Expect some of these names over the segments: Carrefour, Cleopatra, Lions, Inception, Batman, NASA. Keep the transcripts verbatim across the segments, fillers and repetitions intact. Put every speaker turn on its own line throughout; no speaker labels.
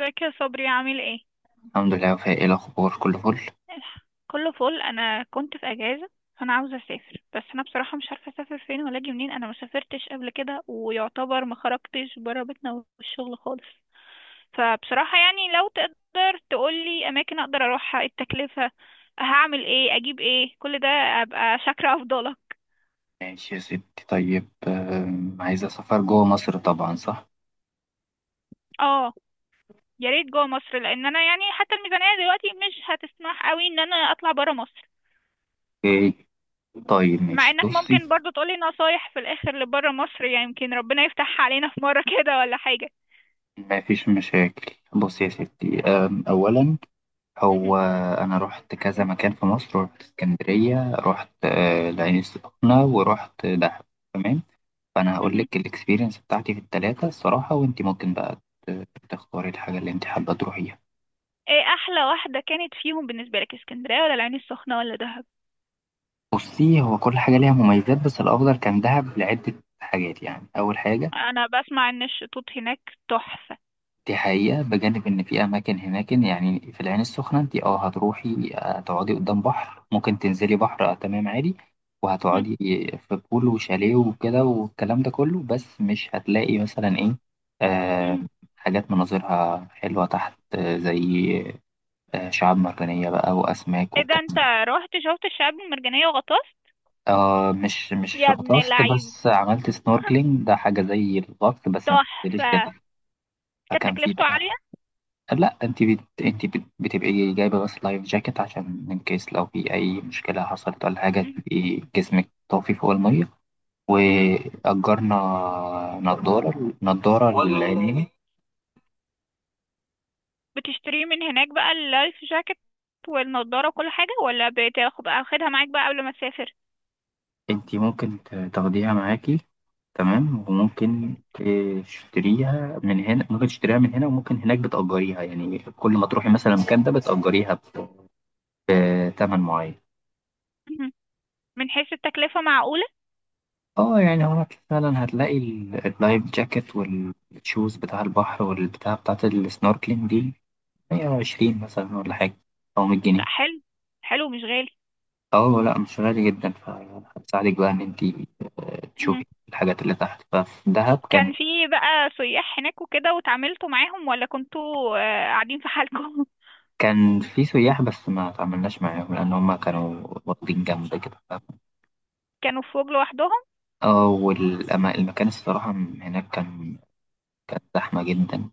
ازيك يا صبري، عامل ايه؟
الحمد لله، وفاء. ايه الاخبار؟ كله فل.
كله فل. انا كنت في اجازه. فانا عاوزه اسافر، بس انا بصراحه مش عارفه اسافر فين ولا اجي منين. انا ما سافرتش قبل كده ويعتبر ما خرجتش بره بيتنا والشغل خالص. فبصراحه يعني لو تقدر تقولي اماكن اقدر اروحها، التكلفه، هعمل ايه، اجيب ايه، كل ده، ابقى شاكره افضلك.
ماشي يا ستي. طيب، آم، عايزه سفر جوه مصر طبعا، صح؟
اه، يا ريت جوه مصر، لان انا يعني حتى الميزانيه دلوقتي مش هتسمح قوي ان انا اطلع بره مصر.
ايه؟ طيب
مع
ماشي،
انك
بصي.
ممكن برضو تقولي نصايح في الاخر لبره مصر، يعني يمكن ربنا يفتحها علينا في مرة كده ولا حاجة.
ما فيش مشاكل. بصي يا ستي، آم، اولا
مهم.
هو انا رحت كذا مكان في مصر. رحت اسكندريه، رحت آه، العين السخنه، ورحت دهب. تمام. فانا هقول
مهم.
لك الاكسبيرينس بتاعتي في الثلاثه الصراحه، وانت ممكن بقى ت- تختاري الحاجه اللي انت حابه تروحيها.
ايه احلى واحدة كانت فيهم بالنسبة لك، اسكندرية ولا العين السخنة ولا دهب؟
بصي، هو كل حاجة ليها مميزات، بس الأفضل كان دهب لعدة حاجات، يعني أول حاجة.
انا بسمع ان الشطوط هناك تحفة.
دي حقيقة، بجانب إن في أماكن هناك. يعني في العين السخنة أنت أه هتروحي، آه، تقعدي قدام بحر، ممكن تنزلي بحر آه، تمام، عادي.
مهم.
وهتقعدي في بول وشاليه وكده، والكلام ده كله. بس مش هتلاقي مثلا إيه آه
مهم.
حاجات مناظرها حلوة تحت، آه، زي آه، شعاب مرجانية بقى وأسماك
ايه ده، انت
والكلام.
رحت شفت الشعاب المرجانية وغطست؟
آه، مش مش
يا ابن
غطست،
اللعيب!
بس عملت سنوركلينج. ده حاجة زي الغطس بس ما بتنزليش
تحفة.
جبل.
كانت
فكان في
تكلفته عالية؟
بقى. لا، انت بت... انت بت... بتبقي جايبة بس لايف جاكيت عشان ان كيس لو في اي مشكلة حصلت ولا حاجة
مهم.
تبقي جسمك طافي فوق المية.
مهم.
وأجرنا نضارة نضارة للعينين.
بتشتريه من هناك بقى اللايف جاكيت والنضارة وكل حاجة، ولا بتاخد بقى واخدها معاك بقى قبل ما تسافر؟
انت ممكن ت- تاخديها معاكي. تمام، وممكن تشتريها من هنا، ممكن تشتريها من هنا وممكن هناك بتأجريها. يعني كل ما تروحي مثلا المكان ده بتأجريها بتمن معين.
من حيث التكلفة معقولة؟
اه، يعني هو فعلا هتلاقي ال- اللايف جاكيت والشوز بتاع البحر والبتاع بتاعت السنوركلينج دي مية وعشرين مثلا، ولا حاجة، أو 100
لا،
جنيه
حلو. حلو مش غالي.
اه لا، مش غالي جدا. فهتساعدك بقى إن أنتي آه،
مهم.
تشوفي الحاجات اللي تحت. ففي دهب كان.
كان في بقى سياح هناك وكده وتعاملتوا معاهم، ولا كنتوا آه، قاعدين في حالكم؟
كان في سياح، بس ما تعاملناش معاهم لأن هما كانوا واخدين جنب كده.
كانوا في فوج لوحدهم.
اه، والأما- المكان الصراحة هناك كان كان زحمة جدا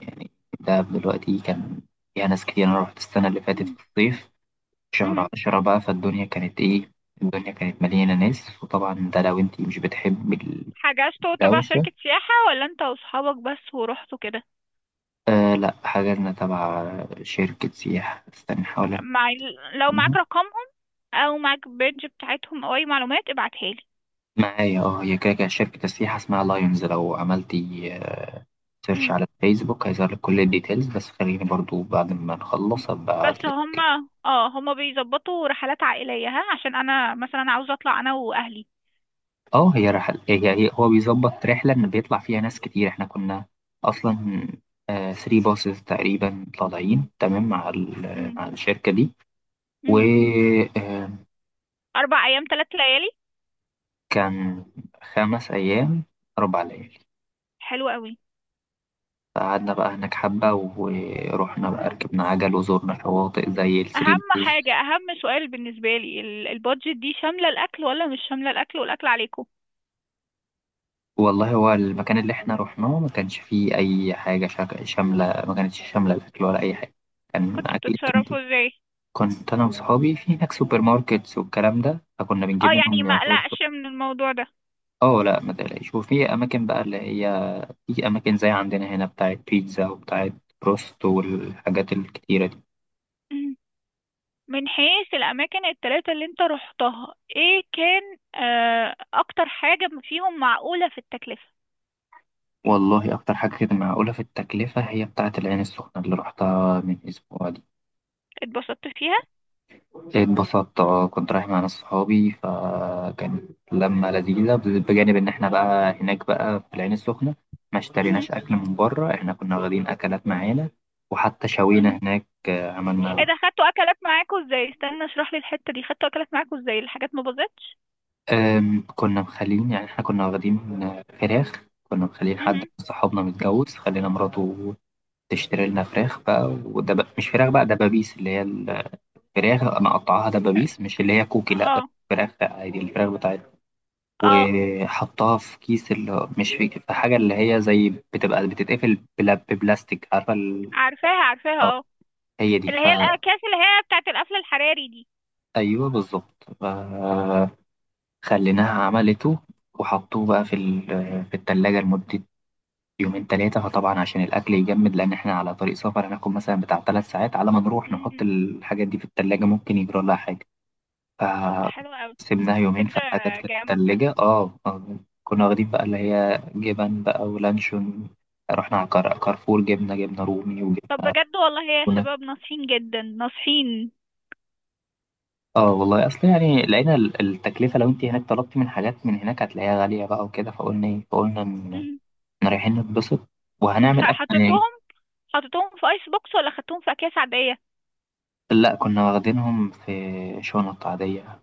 يعني. دهب دلوقتي كان فيها ناس كتير. أنا رحت السنة اللي فاتت
مم.
في الصيف، شهر
مهم.
عشرة بقى. فالدنيا كانت إيه، الدنيا كانت مليانة ناس. وطبعا ده لو أنتي مش بتحب
حجزتوا تبع
الدوشة.
شركة سياحة ولا انت واصحابك بس ورحتوا كده؟
آه لأ، حجزنا تبع شركة سياحة. استنى أحاول
مع ال- لو معاك
أفتكرها.
رقمهم، او معاك بيدج بتاعتهم، او اي معلومات ابعتها لي.
معايا، اه. هي كده كده شركة السياحة اسمها لايونز، لو عملتي سيرش
مم.
على الفيسبوك هيظهر لك كل الديتيلز. بس خليني برضو بعد ما نخلص أبقى
بس
أبعتلك.
هما اه هما بيظبطوا رحلات عائلية، ها عشان انا مثلا عاوزة اطلع انا واهلي.
اه، هي رحل هي هي هو بيظبط رحلة إن بيطلع فيها ناس كتير. احنا كنا أصلا ثري باصز تقريبا طالعين، تمام، مع ال-
مم.
مع الشركة دي.
مم.
وكان
اربع ايام ثلاث ليالي؟
خمس أيام، أربع ليالي.
حلو قوي.
فقعدنا بقى هناك حبة، ورحنا بقى ركبنا عجل وزورنا شواطئ زي الثري
اهم حاجة
بوز.
اهم سؤال بالنسبة لي، ال- البادجت دي شاملة الاكل ولا مش شاملة الاكل، والاكل عليكم؟
والله هو المكان اللي احنا رحناه ما كانش فيه أي حاجة شك- شاملة. ما كانتش شاملة الأكل ولا أي حاجة. كان
كنتوا
أكل.
بتتصرفوا ازاي؟
كنت انا وصحابي في هناك سوبر ماركتس والكلام ده، فكنا
اه،
بنجيب
يعني
منهم
ما
يعتبر.
اقلقش من الموضوع ده.
اه لا، ما تقلقش. وفي اماكن بقى اللي هي، في اماكن زي عندنا هنا بتاعت بيتزا وبتاعت بروست والحاجات الكتيرة دي.
مم. من حيث الاماكن التلاتة اللي انت رحتها، ايه كان آه اكتر حاجة فيهم معقولة في التكلفة؟
والله اكتر حاجة كده معقولة في التكلفة هي بتاعت العين السخنة اللي رحتها من اسبوع دي.
اتبسطت فيها؟
اتبسطت، اه. كنت رايح مع ناس صحابي فكانت لمة لذيذة، بجانب ان احنا بقى هناك بقى في العين السخنة ما
مم.
اشتريناش اكل من بره، احنا كنا واخدين اكلات معانا. وحتى شوينا
مم.
هناك
ايه
عملنا.
ده، خدتوا اكلات معاكوا ازاي؟ استنى، اشرح لي الحتة دي. خدتوا اكلات معاكوا ازاي؟ الحاجات ما باظتش؟
أم، كنا مخلين يعني، احنا كنا واخدين آه، فراخ. كنا مخلين حد
مم.
من صحابنا متجوز، خلينا مراته تشتري لنا فراخ بقى، ودب... مش فراخ بقى، دبابيس، اللي هي الفراخ مقطعاها دبابيس، مش اللي هي كوكي، لا.
اه،
فراخ عادي، الفراخ بتاعتها.
اه،
وحطها في كيس، اللي مش في... في حاجة اللي هي زي بتبقى بتتقفل بلا... ببلاستيك، عارفة ال...
عارفاها،
أو
عارفاها، آه.
هي دي
اللي هي
فا
الأكياس اللي هي بتاعت القفل الحراري دي.
أيوه بالظبط فا خليناها عملته. وحطوه بقى في ال... في التلاجة لمدة يومين تلاتة. فطبعا عشان الأكل يجمد، لأن إحنا على طريق سفر هناخد مثلا بتاع تلات ساعات على ما نروح نحط
مم.
الحاجات دي في التلاجة، ممكن يجرى لها حاجة.
طب ده حلو قوي.
فسيبناها يومين،
فكرة
فالحاجات كانت في
جامدة.
التلاجة. اه آه، كنا واخدين بقى اللي هي جبن بقى ولانشون. رحنا على كار- كارفور جبنا جبنة رومي
طب
وجبنة
بجد، والله يا شباب
تونة.
ناصحين جدا ناصحين.
اه والله، أصل يعني لقينا ال- التكلفة، لو أنت هناك طلبتي من حاجات من هناك هتلاقيها غالية بقى وكده. فقلنا إيه، فقلنا إن
مم.
إحنا رايحين نتبسط وهنعمل
خ-
أكل.
حطيتوهم حطيتوهم في ايس بوكس، ولا خدتوهم في اكياس عادية؟
لا، كنا واخدينهم في شنط عادية.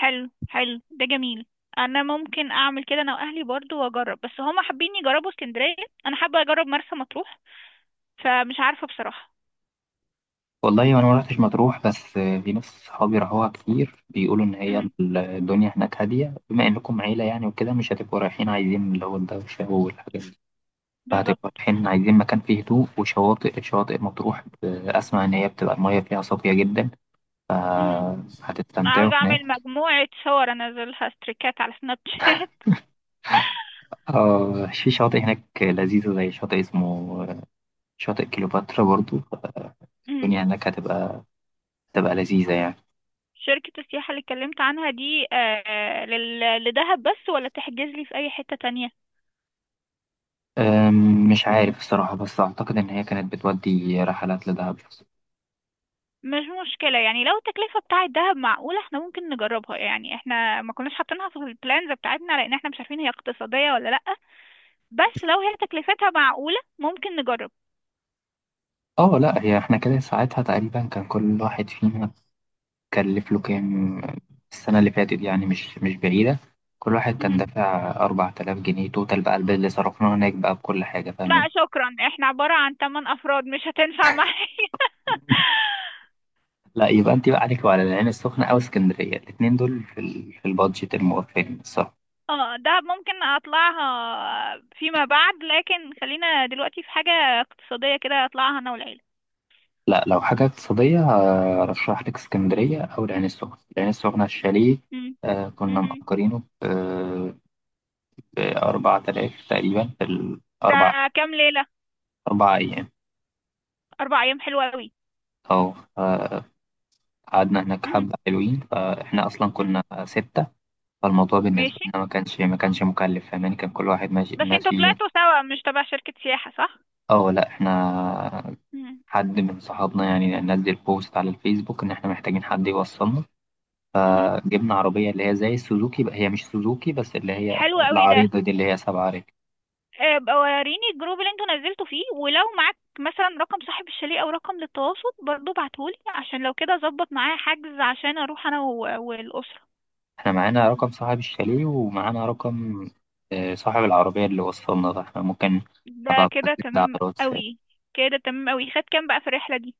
حلو حلو، ده جميل. انا ممكن اعمل كده انا واهلي برضو واجرب، بس هما حابين يجربوا اسكندرية. انا حابة اجرب مرسى مطروح، فمش عارفة بصراحة.
والله أنا ما رحتش مطروح، بس في ناس صحابي راحوها كتير بيقولوا إن هي
مم.
الدنيا هناك هادية. بما إنكم عيلة يعني وكده مش هتبقوا رايحين عايزين اللي هو الدوشة والحاجات دي، فهتبقوا
بالظبط.
رايحين عايزين مكان فيه هدوء. وشواطئ شواطئ مطروح، ب- أسمع إن هي بتبقى المية فيها صافية جدا،
مم.
فهتستمتعوا
عاوزة اعمل
هناك.
مجموعة صور انزلها ستريكات على سناب شات.
آه في شاطئ هناك لذيذة زي شاطئ اسمه آه، شاطئ كليوباترا. برضو آه، الدنيا هناك هتبقى هتبقى لذيذة يعني.
شركة السياحة اللي اتكلمت عنها دي آه، لل- لدهب بس، ولا تحجز لي في أي حتة تانية؟
أم، مش عارف الصراحة، بس أعتقد إن هي كانت بتودي رحلات لدهب.
مش مشكلة، يعني لو التكلفة بتاعة دهب معقولة احنا ممكن نجربها، يعني احنا ما كناش حاطينها في البلانز بتاعتنا لأن احنا مش عارفين هي اقتصادية ولا لأ. بس لو هي تكلفتها معقولة ممكن نجرب.
اه لا، هي احنا كده ساعتها تقريبا كان كل واحد فينا كلف له كام. السنة اللي فاتت يعني، مش مش بعيدة. كل واحد كان
مم.
دافع اربعة آلاف جنيه توتال بقى، البيل اللي صرفناه هناك بقى بكل حاجة،
لا
فاهمين.
شكرا، احنا عبارة عن 8 أفراد، مش هتنفع معايا.
لا يبقى أنت بقى عليك وعلى العين السخنة أو اسكندرية، الاتنين دول في ال... في البادجت الموفرين الصراحة.
اه، دهب ممكن اطلعها فيما بعد، لكن خلينا دلوقتي في حاجة اقتصادية كده اطلعها انا والعيلة.
لا، لو حاجة اقتصادية آه، أرشح لك اسكندرية أو العين السخنة العين السخنة الشاليه
مم.
آه، كنا
مم.
مأجرينه بأربع تلاف تقريبا، في
ده
الأربع
كام ليلة؟
أربع أيام.
أربع أيام، حلوة أوي.
أو آه، قعدنا هناك
مم.
حبة حلوين، فإحنا أصلا
مم.
كنا ستة. فالموضوع بالنسبة
ماشي.
لنا ما كانش ما كانش مكلف، فاهماني، كان كل واحد ماشي
بس انتوا
ماشي.
طلعتوا سوا مش تبع شركة سياحة، صح؟
أه لأ، إحنا
مم.
حد من صحابنا يعني نزل بوست على الفيسبوك إن إحنا محتاجين حد يوصلنا.
مم.
فجبنا عربية اللي هي زي السوزوكي بقى، هي مش سوزوكي بس اللي هي
حلو أوي ده.
العريضة دي اللي هي سبعة رجل.
آه، بقى وريني الجروب اللي انتوا نزلتوا فيه، ولو معاك مثلا رقم صاحب الشاليه أو رقم للتواصل برضو بعتهولي عشان لو كده أظبط معاه حجز عشان أروح أنا و- والأسرة.
احنا معانا رقم صاحب الشاليه، ومعانا رقم آه، صاحب العربية اللي وصلنا ده. احنا ممكن أبقى
ده
أبعت
كده
لك ده على
تمام
الواتساب.
أوي. كده تمام أوي. خد كام بقى في الرحلة دي؟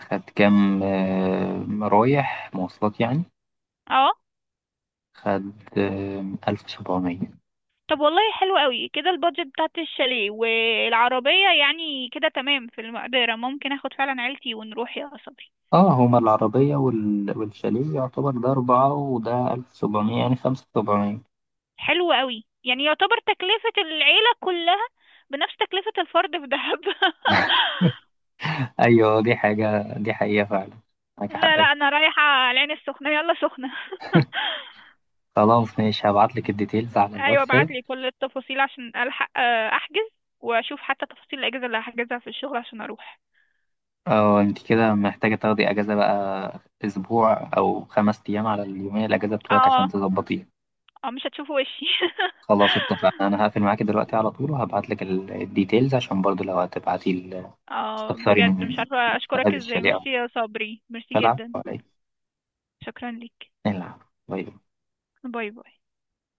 خد كام، آه، رايح مواصلات يعني.
اه.
خد آه، ألف وسبعمية.
طب والله حلو قوي، كده البادجت بتاعت الشاليه والعربية يعني كده تمام في المقدرة، ممكن اخد فعلا عيلتي ونروح يا صبري.
اه، هما العربية وال- والشاليه يعتبر، ده أربعة وده ألف وسبعمية، يعني خمسة وسبعمية.
حلو قوي، يعني يعتبر تكلفة العيلة كلها بنفس تكلفة الفرد في دهب.
أيوة دي حاجة، دي حقيقة فعلا، معاك
لا، لا،
حق.
انا رايحة العين السخنة، يلا سخنة.
خلاص ماشي، هبعت لك الديتيلز على
ايوه،
الواتساب.
ابعتلي كل التفاصيل عشان الحق آه، احجز، واشوف حتى تفاصيل الاجازة اللي هحجزها في الشغل عشان اروح.
اه، انت كده محتاجة تاخدي اجازة بقى، اسبوع او خمس ايام على اليومية الاجازة بتوعك عشان
اه،
تظبطيها.
اه، مش هتشوفوا وشي.
خلاص اتفقنا، انا هقفل معاكي دلوقتي على طول وهبعت لك الديتيلز، عشان برضو لو هتبعتي ال-
اه،
تستفسري
بجد مش
من
عارفة اشكرك
صاحب
ازاي،
الشاليه او
ميرسي يا صبري، ميرسي
القلعة
جدا.
ولا ايه
شكرا ليك.
نلعب. باي باي.
باي باي.